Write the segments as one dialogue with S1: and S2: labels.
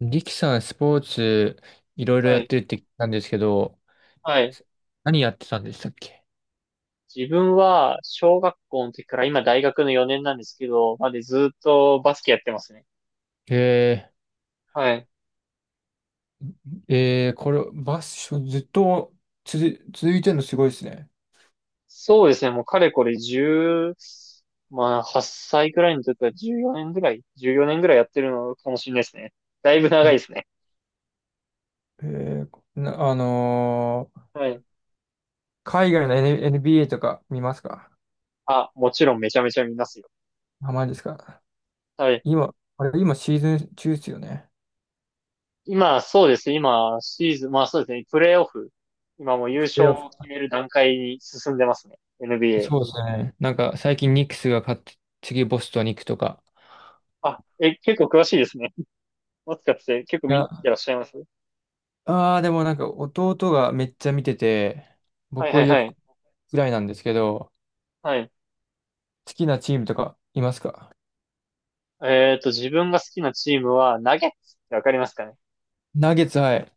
S1: リキさん、スポーツ、いろいろ
S2: は
S1: やっ
S2: い。
S1: てるって聞いたんですけど、
S2: はい。
S1: 何やってたんでしたっけ？
S2: 自分は、小学校の時から今大学の4年なんですけど、までずっとバスケやってますね。
S1: え
S2: はい。
S1: これ、バッシュずっと続いてるのすごいですね。
S2: そうですね。もうかれこれ1まあ8歳くらいの時は14 年ぐらいやってるのかもしれないですね。だいぶ長い
S1: ね
S2: ですね。
S1: えー、なあのー
S2: はい。
S1: 海外の N- b a とか見ますか？
S2: あ、もちろんめちゃめちゃ見ますよ。
S1: あまりですか？
S2: はい。
S1: 今、あれ、今シーズン中ですよね。
S2: 今、そうですね。今、シーズン、まあそうですね。プレイオフ。今もう優
S1: プレ
S2: 勝
S1: ーオフ。
S2: を決める段階に進んでますね。NBA。
S1: そうですね。なんか、最近ニックスが勝って、次ボストンに行くとか。
S2: あ、え、結構詳しいですね。もしかして結構
S1: い
S2: 見て
S1: や、
S2: らっしゃいます？
S1: ああ、でもなんか弟がめっちゃ見てて、
S2: はい
S1: 僕
S2: は
S1: は
S2: い
S1: よ
S2: は
S1: く
S2: い。
S1: ぐらいなんですけど、
S2: はい。
S1: 好きなチームとかいますか？
S2: 自分が好きなチームは、ナゲッツってわかりますかね？
S1: ナゲッツ、はい。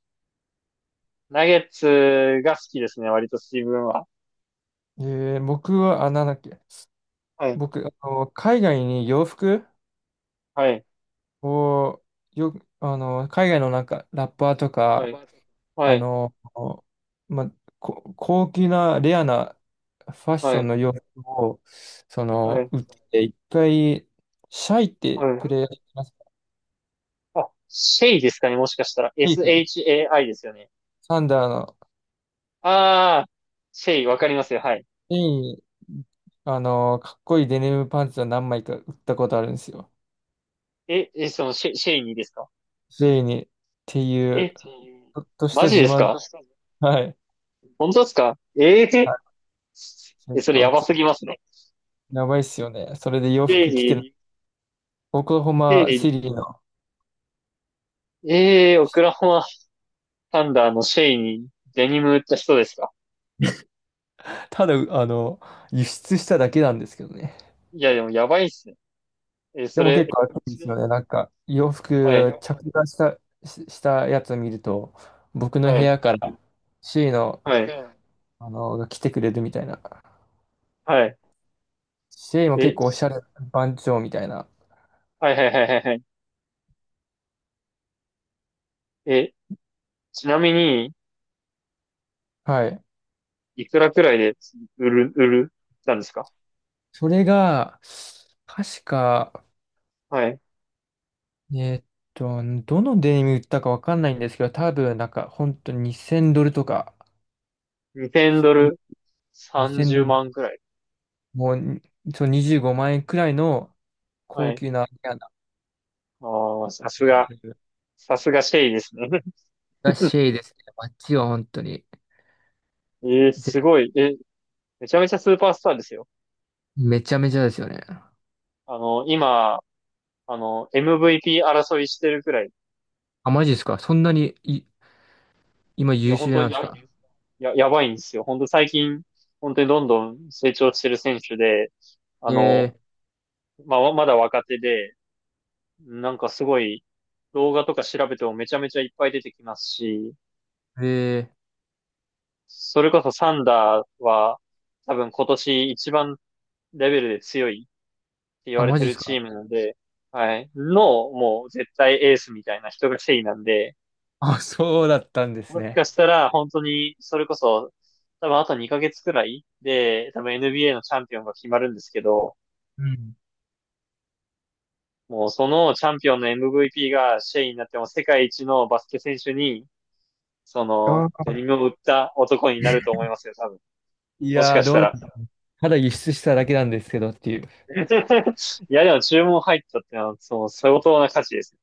S2: ナゲッツが好きですね、割と自分は。
S1: え僕は、あ、なんだっけ。
S2: はい。
S1: 僕、あの、海外に洋服
S2: はい。
S1: を、よ、あの、海外のなんか、ラッパーと
S2: は
S1: か、
S2: い。は
S1: あ
S2: い。
S1: の、ま、高級な、レアなファッシ
S2: は
S1: ョン
S2: い。
S1: の洋服を、そ
S2: は
S1: の、
S2: い。
S1: 売って、一回、シャイって
S2: はい。
S1: プレイヤーいますか？
S2: あ、シェイですかね、もしかしたら。
S1: シェイク
S2: SHAI ですよね。
S1: サンダーの、
S2: ああ、シェイ、わかりますよ。はい。
S1: フェイン、あの、かっこいいデニムパンツを何枚か売ったことあるんですよ。
S2: シェイにですか？
S1: ェイにっていう、
S2: え、
S1: ちょっとし
S2: マ
S1: た
S2: ジ
S1: 自
S2: です
S1: 慢。
S2: か？
S1: はい。
S2: 本当ですか？ええ
S1: はい。
S2: え、
S1: 結
S2: それ
S1: 構
S2: や
S1: い、
S2: ばすぎますね。
S1: やばいっすよね。それで洋
S2: シェイ
S1: 服着てる。
S2: に、
S1: オクラホ
S2: シェ
S1: マ
S2: イ
S1: シ
S2: に
S1: リの。
S2: ええー、オクラホマサンダーのシェイにデニム売った人ですか？
S1: ただ、あの、輸出しただけなんですけどね。
S2: いや、でもやばいっすね。
S1: で
S2: そ
S1: も結
S2: れ、
S1: 構暑いんで
S2: 一
S1: すよ
S2: 年、
S1: ね。なんか、洋
S2: はい、
S1: 服着火した、したやつを見ると、僕の部
S2: はい、
S1: 屋からシェイの、
S2: はい、
S1: あの、が来てくれるみたいな。
S2: はい。
S1: シェイも結
S2: え、
S1: 構おしゃれ番長みたいな。
S2: はいはいはいはいはい。え、ちなみに、
S1: はい。
S2: いくらくらいで売る、売る、たんですか？
S1: それが、確か、
S2: はい。
S1: えーっどのデニム売ったかわかんないんですけど、多分なんか本当に2000ドルとか、
S2: 2000ドル
S1: 2000
S2: 30
S1: ドル、
S2: 万くらい。
S1: もうに、そう、25万円くらいの
S2: は
S1: 高
S2: い。
S1: 級なレアな
S2: ああ、さす
S1: や
S2: が、
S1: つ
S2: さすがシェイですね。
S1: がシェイですね。あっちは本当に ぜ
S2: すごい。めちゃめちゃスーパースターですよ。
S1: めちゃめちゃですよね。
S2: 今、MVP 争いしてるくらい。
S1: あ、マジですか？そんなにい今
S2: いや、
S1: 優
S2: 本
S1: 秀
S2: 当
S1: なん
S2: に
S1: ですか？
S2: やばいんですよ。本当最近、本当にどんどん成長してる選手で、あの、
S1: え
S2: まあ、まだ若手で、なんかすごい、動画とか調べてもめちゃめちゃいっぱい出てきますし、
S1: ー、えー、
S2: それこそサンダーは、多分今年一番レベルで強いって言
S1: あ、
S2: われ
S1: マ
S2: て
S1: ジで
S2: る
S1: すか？
S2: チームなんで、はい、の、もう絶対エースみたいな人がセイなんで、
S1: あ、そうだったんです
S2: もし
S1: ね。
S2: かしたら、本当に、それこそ、多分あと2ヶ月くらいで、多分 NBA のチャンピオンが決まるんですけど、
S1: うん。
S2: もうそのチャンピオンの MVP がシェイになっても世界一のバスケ選手に、そ
S1: あ
S2: の、デニ
S1: ー、
S2: ムを売った男になると思いますよ、多分。
S1: い
S2: もし
S1: や
S2: か
S1: ー、
S2: し
S1: どう
S2: た
S1: なん、
S2: ら。
S1: ただ輸出しただけなんですけどっていう。
S2: いや、でも注文入ったってのは、その、相当な価値です。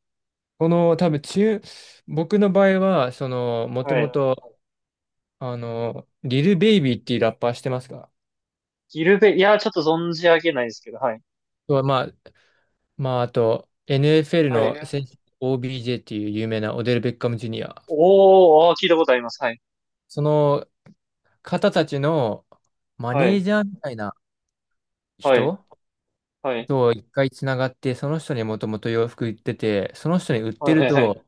S1: この多分中、僕の場合は、その、も
S2: は
S1: とも
S2: い。
S1: と、あの、リル・ベイビーっていうラッパーしてますか？
S2: ギルベ、いや、ちょっと存じ上げないですけど、はい。
S1: とまあ、まあ、あと、NFL
S2: はい。
S1: の
S2: ね
S1: 選手、OBJ っていう有名なオデル・ベッカム・ジュニア。
S2: おー、あー聞いたことあります。はい。
S1: その方たちのマ
S2: は
S1: ネー
S2: い。
S1: ジャーみたいな
S2: はい。
S1: 人
S2: はい。はい。
S1: と一回つながって、その人にもともと洋服売ってて、その人に売って
S2: はい。
S1: る
S2: ね
S1: と、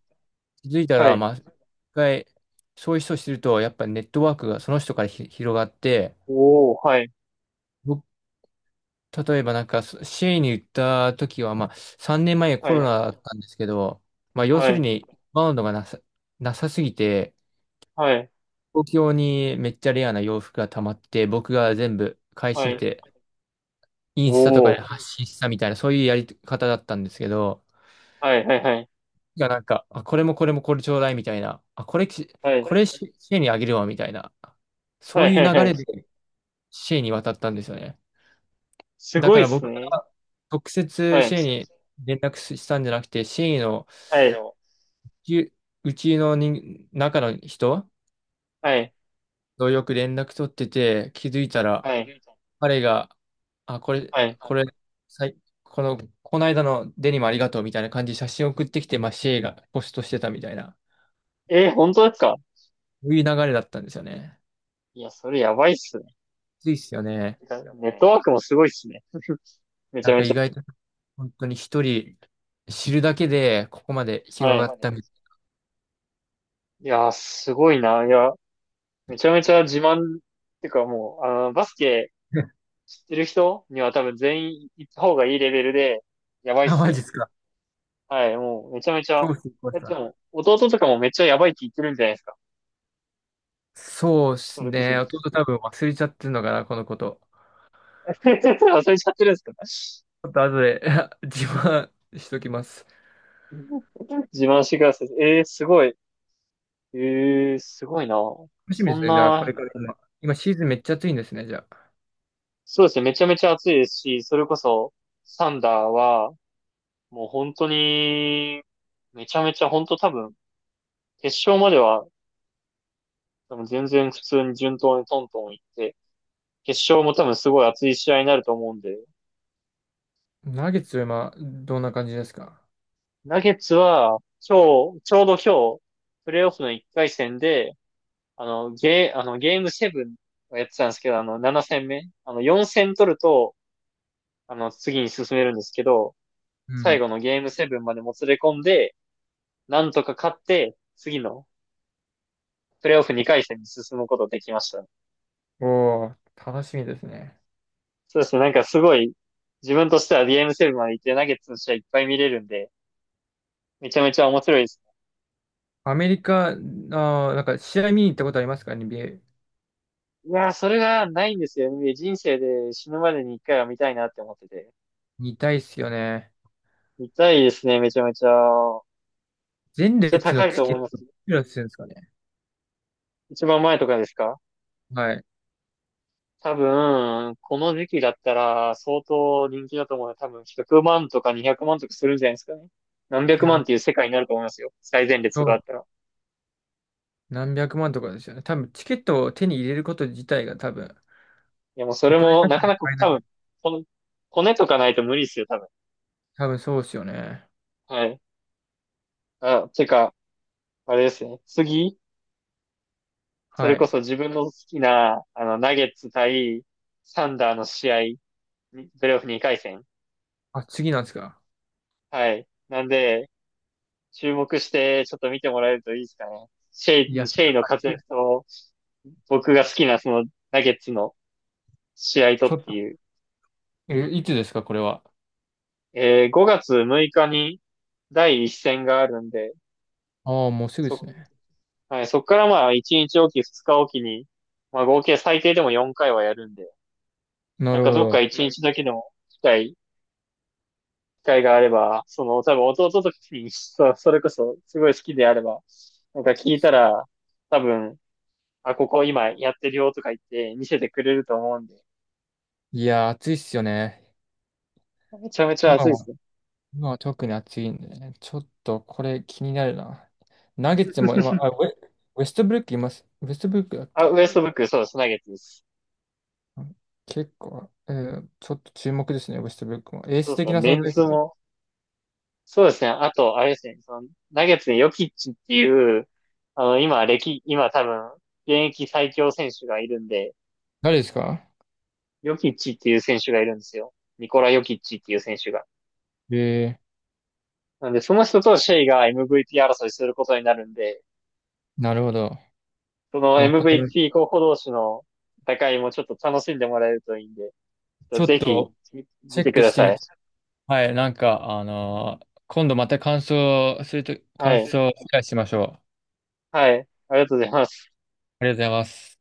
S1: 気づいた
S2: は
S1: ら、
S2: い。
S1: まあ、一回、そういう人を知ると、やっぱネットワークがその人から広がって、
S2: おおはい、
S1: 僕、例えばなんか、シェイに行った時は、まあ、3年前
S2: は
S1: コロナ
S2: い、
S1: だったんですけど、まあ、要するに、バウンドがなさすぎて、東京にめっちゃレアな洋服が溜まって、僕が全部買い
S2: はい、
S1: 占
S2: はい、
S1: め
S2: はい、
S1: て、イン
S2: お
S1: スタとかで発
S2: お
S1: 信したみたいな、そういうやり方だったんですけど、
S2: はい、はい、はい、
S1: がなんか、あ、これもこれもこれちょうだいみたいな、あ、これき、
S2: は
S1: こ
S2: い、
S1: れシェイにあげるわみたいな、そ
S2: は
S1: う
S2: い、
S1: いう
S2: はい、
S1: 流
S2: はい。
S1: れでシェイに渡ったんですよね。
S2: す
S1: だ
S2: ご
S1: か
S2: いっ
S1: ら
S2: す
S1: 僕
S2: ね。
S1: が直
S2: は
S1: 接シ
S2: い、は
S1: C に連絡したんじゃなくて、シ C の
S2: い、
S1: ううちの人、中の人
S2: はい、
S1: とよく連絡取ってて、気づいたら、
S2: はい、
S1: 彼が、あ、これ、
S2: はい。
S1: これ、さい、この、この間のデニムありがとうみたいな感じで写真送ってきて、まあ、シェイがポストしてたみたいな、
S2: えー、本当ですか？
S1: そういう流れだったんですよね。
S2: いや、それやばいっすね。
S1: ついっすよね。
S2: ネッねトワークもすごいっすね。めち
S1: なん
S2: ゃ
S1: か
S2: めち
S1: 意
S2: ゃ。
S1: 外と、本当に一人知るだけで、ここまで広
S2: は
S1: が
S2: い。
S1: ったみた
S2: いやー、すごいな。いや、めちゃめちゃ自慢、ってかもう、バスケ
S1: いな。
S2: 知ってる人には多分全員行った方がいいレベルで、やば いっ
S1: あ、
S2: す
S1: マジ
S2: よ。
S1: っすか。
S2: はい、もうめちゃめちゃ。
S1: そうっす、これ
S2: で
S1: さ。
S2: も、弟とかもめっちゃやばいって言ってるんじゃないですか。
S1: そうで
S2: そ
S1: す
S2: れこそ。
S1: ね。弟 多分忘れちゃってるのかな、このこと。
S2: 忘れちゃってるんですか？
S1: ちょっと後で 自慢しときます。
S2: 自慢してください。すごい。えすごいな。
S1: 楽しみ
S2: そ
S1: です
S2: ん
S1: ね。じゃあ、こ
S2: な、
S1: れから今。今シーズンめっちゃ暑いんですね、じゃあ。
S2: そうですね、めちゃめちゃ暑いですし、それこそ、サンダーは、もう本当に、めちゃめちゃ本当多分、決勝までは、多分全然普通に順当にトントン行って、決勝も多分すごい熱い試合になると思うんで、
S1: ナゲッツは今、どんな感じですか？
S2: ナゲッツは、今日、ちょうど今日、プレイオフの1回戦で、ゲームセブンをやってたんですけど、7戦目、4戦取ると、次に進めるんですけど、
S1: う
S2: 最
S1: ん。
S2: 後のゲームセブンまでもつれ込んで、なんとか勝って、次のプレイオフ2回戦に進むことできましたね。
S1: おお、楽しみですね。
S2: そうですね、なんかすごい、自分としてはゲームセブンまで行ってナゲッツの試合いっぱい見れるんで、めちゃめちゃ面白いです
S1: アメリカ、あー、なんか試合見に行ったことありますか、 n b？
S2: ね。いやー、それがないんですよね。人生で死ぬまでに一回は見たいなって思ってて。
S1: 見たいっすよね。
S2: 見たいですね、めちゃめちゃ。
S1: 前
S2: めっちゃ
S1: 列の
S2: 高い
S1: チ
S2: と
S1: ケ
S2: 思い
S1: ッ
S2: ま
S1: ト、い
S2: す。
S1: くらするんですかね。
S2: 一番前とかですか？
S1: はい。
S2: 多分、この時期だったら相当人気だと思うので、多分100万とか200万とかするんじゃないですかね。何
S1: い
S2: 百万っ
S1: や、
S2: ていう世界になると思いますよ。最前列
S1: そ
S2: があ
S1: う、
S2: ったら。
S1: 何百万とかですよね。多分、チケットを手に入れること自体が多分、
S2: いや、もうそ
S1: お
S2: れ
S1: 金
S2: も、
S1: 出し
S2: な
S1: て
S2: か
S1: も
S2: なか
S1: 買えな
S2: 多
S1: い。
S2: 分、この、骨とかないと無理ですよ、多分。
S1: 多分そうですよね。
S2: はい。あ、てか、あれですね。次、そ
S1: は
S2: れこ
S1: い。
S2: そ自分の好きな、ナゲッツ対サンダーの試合、プレイオフ2回戦。
S1: あ、次なんですか。
S2: はい。なんで、注目して、ちょっと見てもらえるといいですかね。シェ
S1: い
S2: イ、
S1: や、
S2: シェイの活躍と、僕が好きなそのナゲッツの試合と
S1: ちょ
S2: っ
S1: っ
S2: て
S1: と、
S2: いう。
S1: え、いつですか、これは。
S2: 5月6日に第一戦があるんで、
S1: ああ、もうすぐです
S2: そ、
S1: ね。
S2: はい、そっからまあ1日おき、2日おきに、まあ合計最低でも4回はやるんで、
S1: な
S2: なん
S1: る
S2: か
S1: ほ
S2: どっか
S1: ど。
S2: 1日だけでも機会があれば、多分弟ときに、それこそすごい好きであれば、なんか聞いたら、多分あ、ここ今やってるよとか言って見せてくれると思うんで、
S1: いやー、暑いっすよね。
S2: めちゃめちゃ
S1: 今
S2: 熱いで
S1: は、
S2: すね。
S1: 今は特に暑いんでね。ちょっと、これ気になるな。ナゲッツも今、あ、ウェストブルックいます。ウェストブルックだっ
S2: あ、
S1: け？
S2: ウエストブック、そうです、ナゲッツです。
S1: うん。結構、ちょっと注目ですね、ウェストブルックも。エー
S2: そ
S1: ス
S2: うです
S1: 的
S2: ね、
S1: な
S2: メ
S1: 存
S2: ン
S1: 在で
S2: ツ
S1: すね。
S2: も、そうですね、あと、あれですね、ナゲッツでヨキッチっていう、今多分、現役最強選手がいるんで、
S1: 誰ですか？
S2: ヨキッチっていう選手がいるんですよ。ニコラ・ヨキッチっていう選手が。
S1: え
S2: なんで、その人とシェイが MVP 争いすることになるんで、
S1: なるほど。
S2: その
S1: わか
S2: m
S1: りま、
S2: v t 候補同士の戦いもちょっと楽しんでもらえるといいんで、
S1: ちょっ
S2: ぜひ
S1: と、
S2: 見
S1: チェ
S2: て
S1: ッ
S2: く
S1: ク
S2: だ
S1: して
S2: さ
S1: み、
S2: い。
S1: はい、なんか、今度また感想すると、
S2: は
S1: 感
S2: い。
S1: 想を理解しましょう。
S2: はい。ありがとうございます。
S1: ありがとうございます。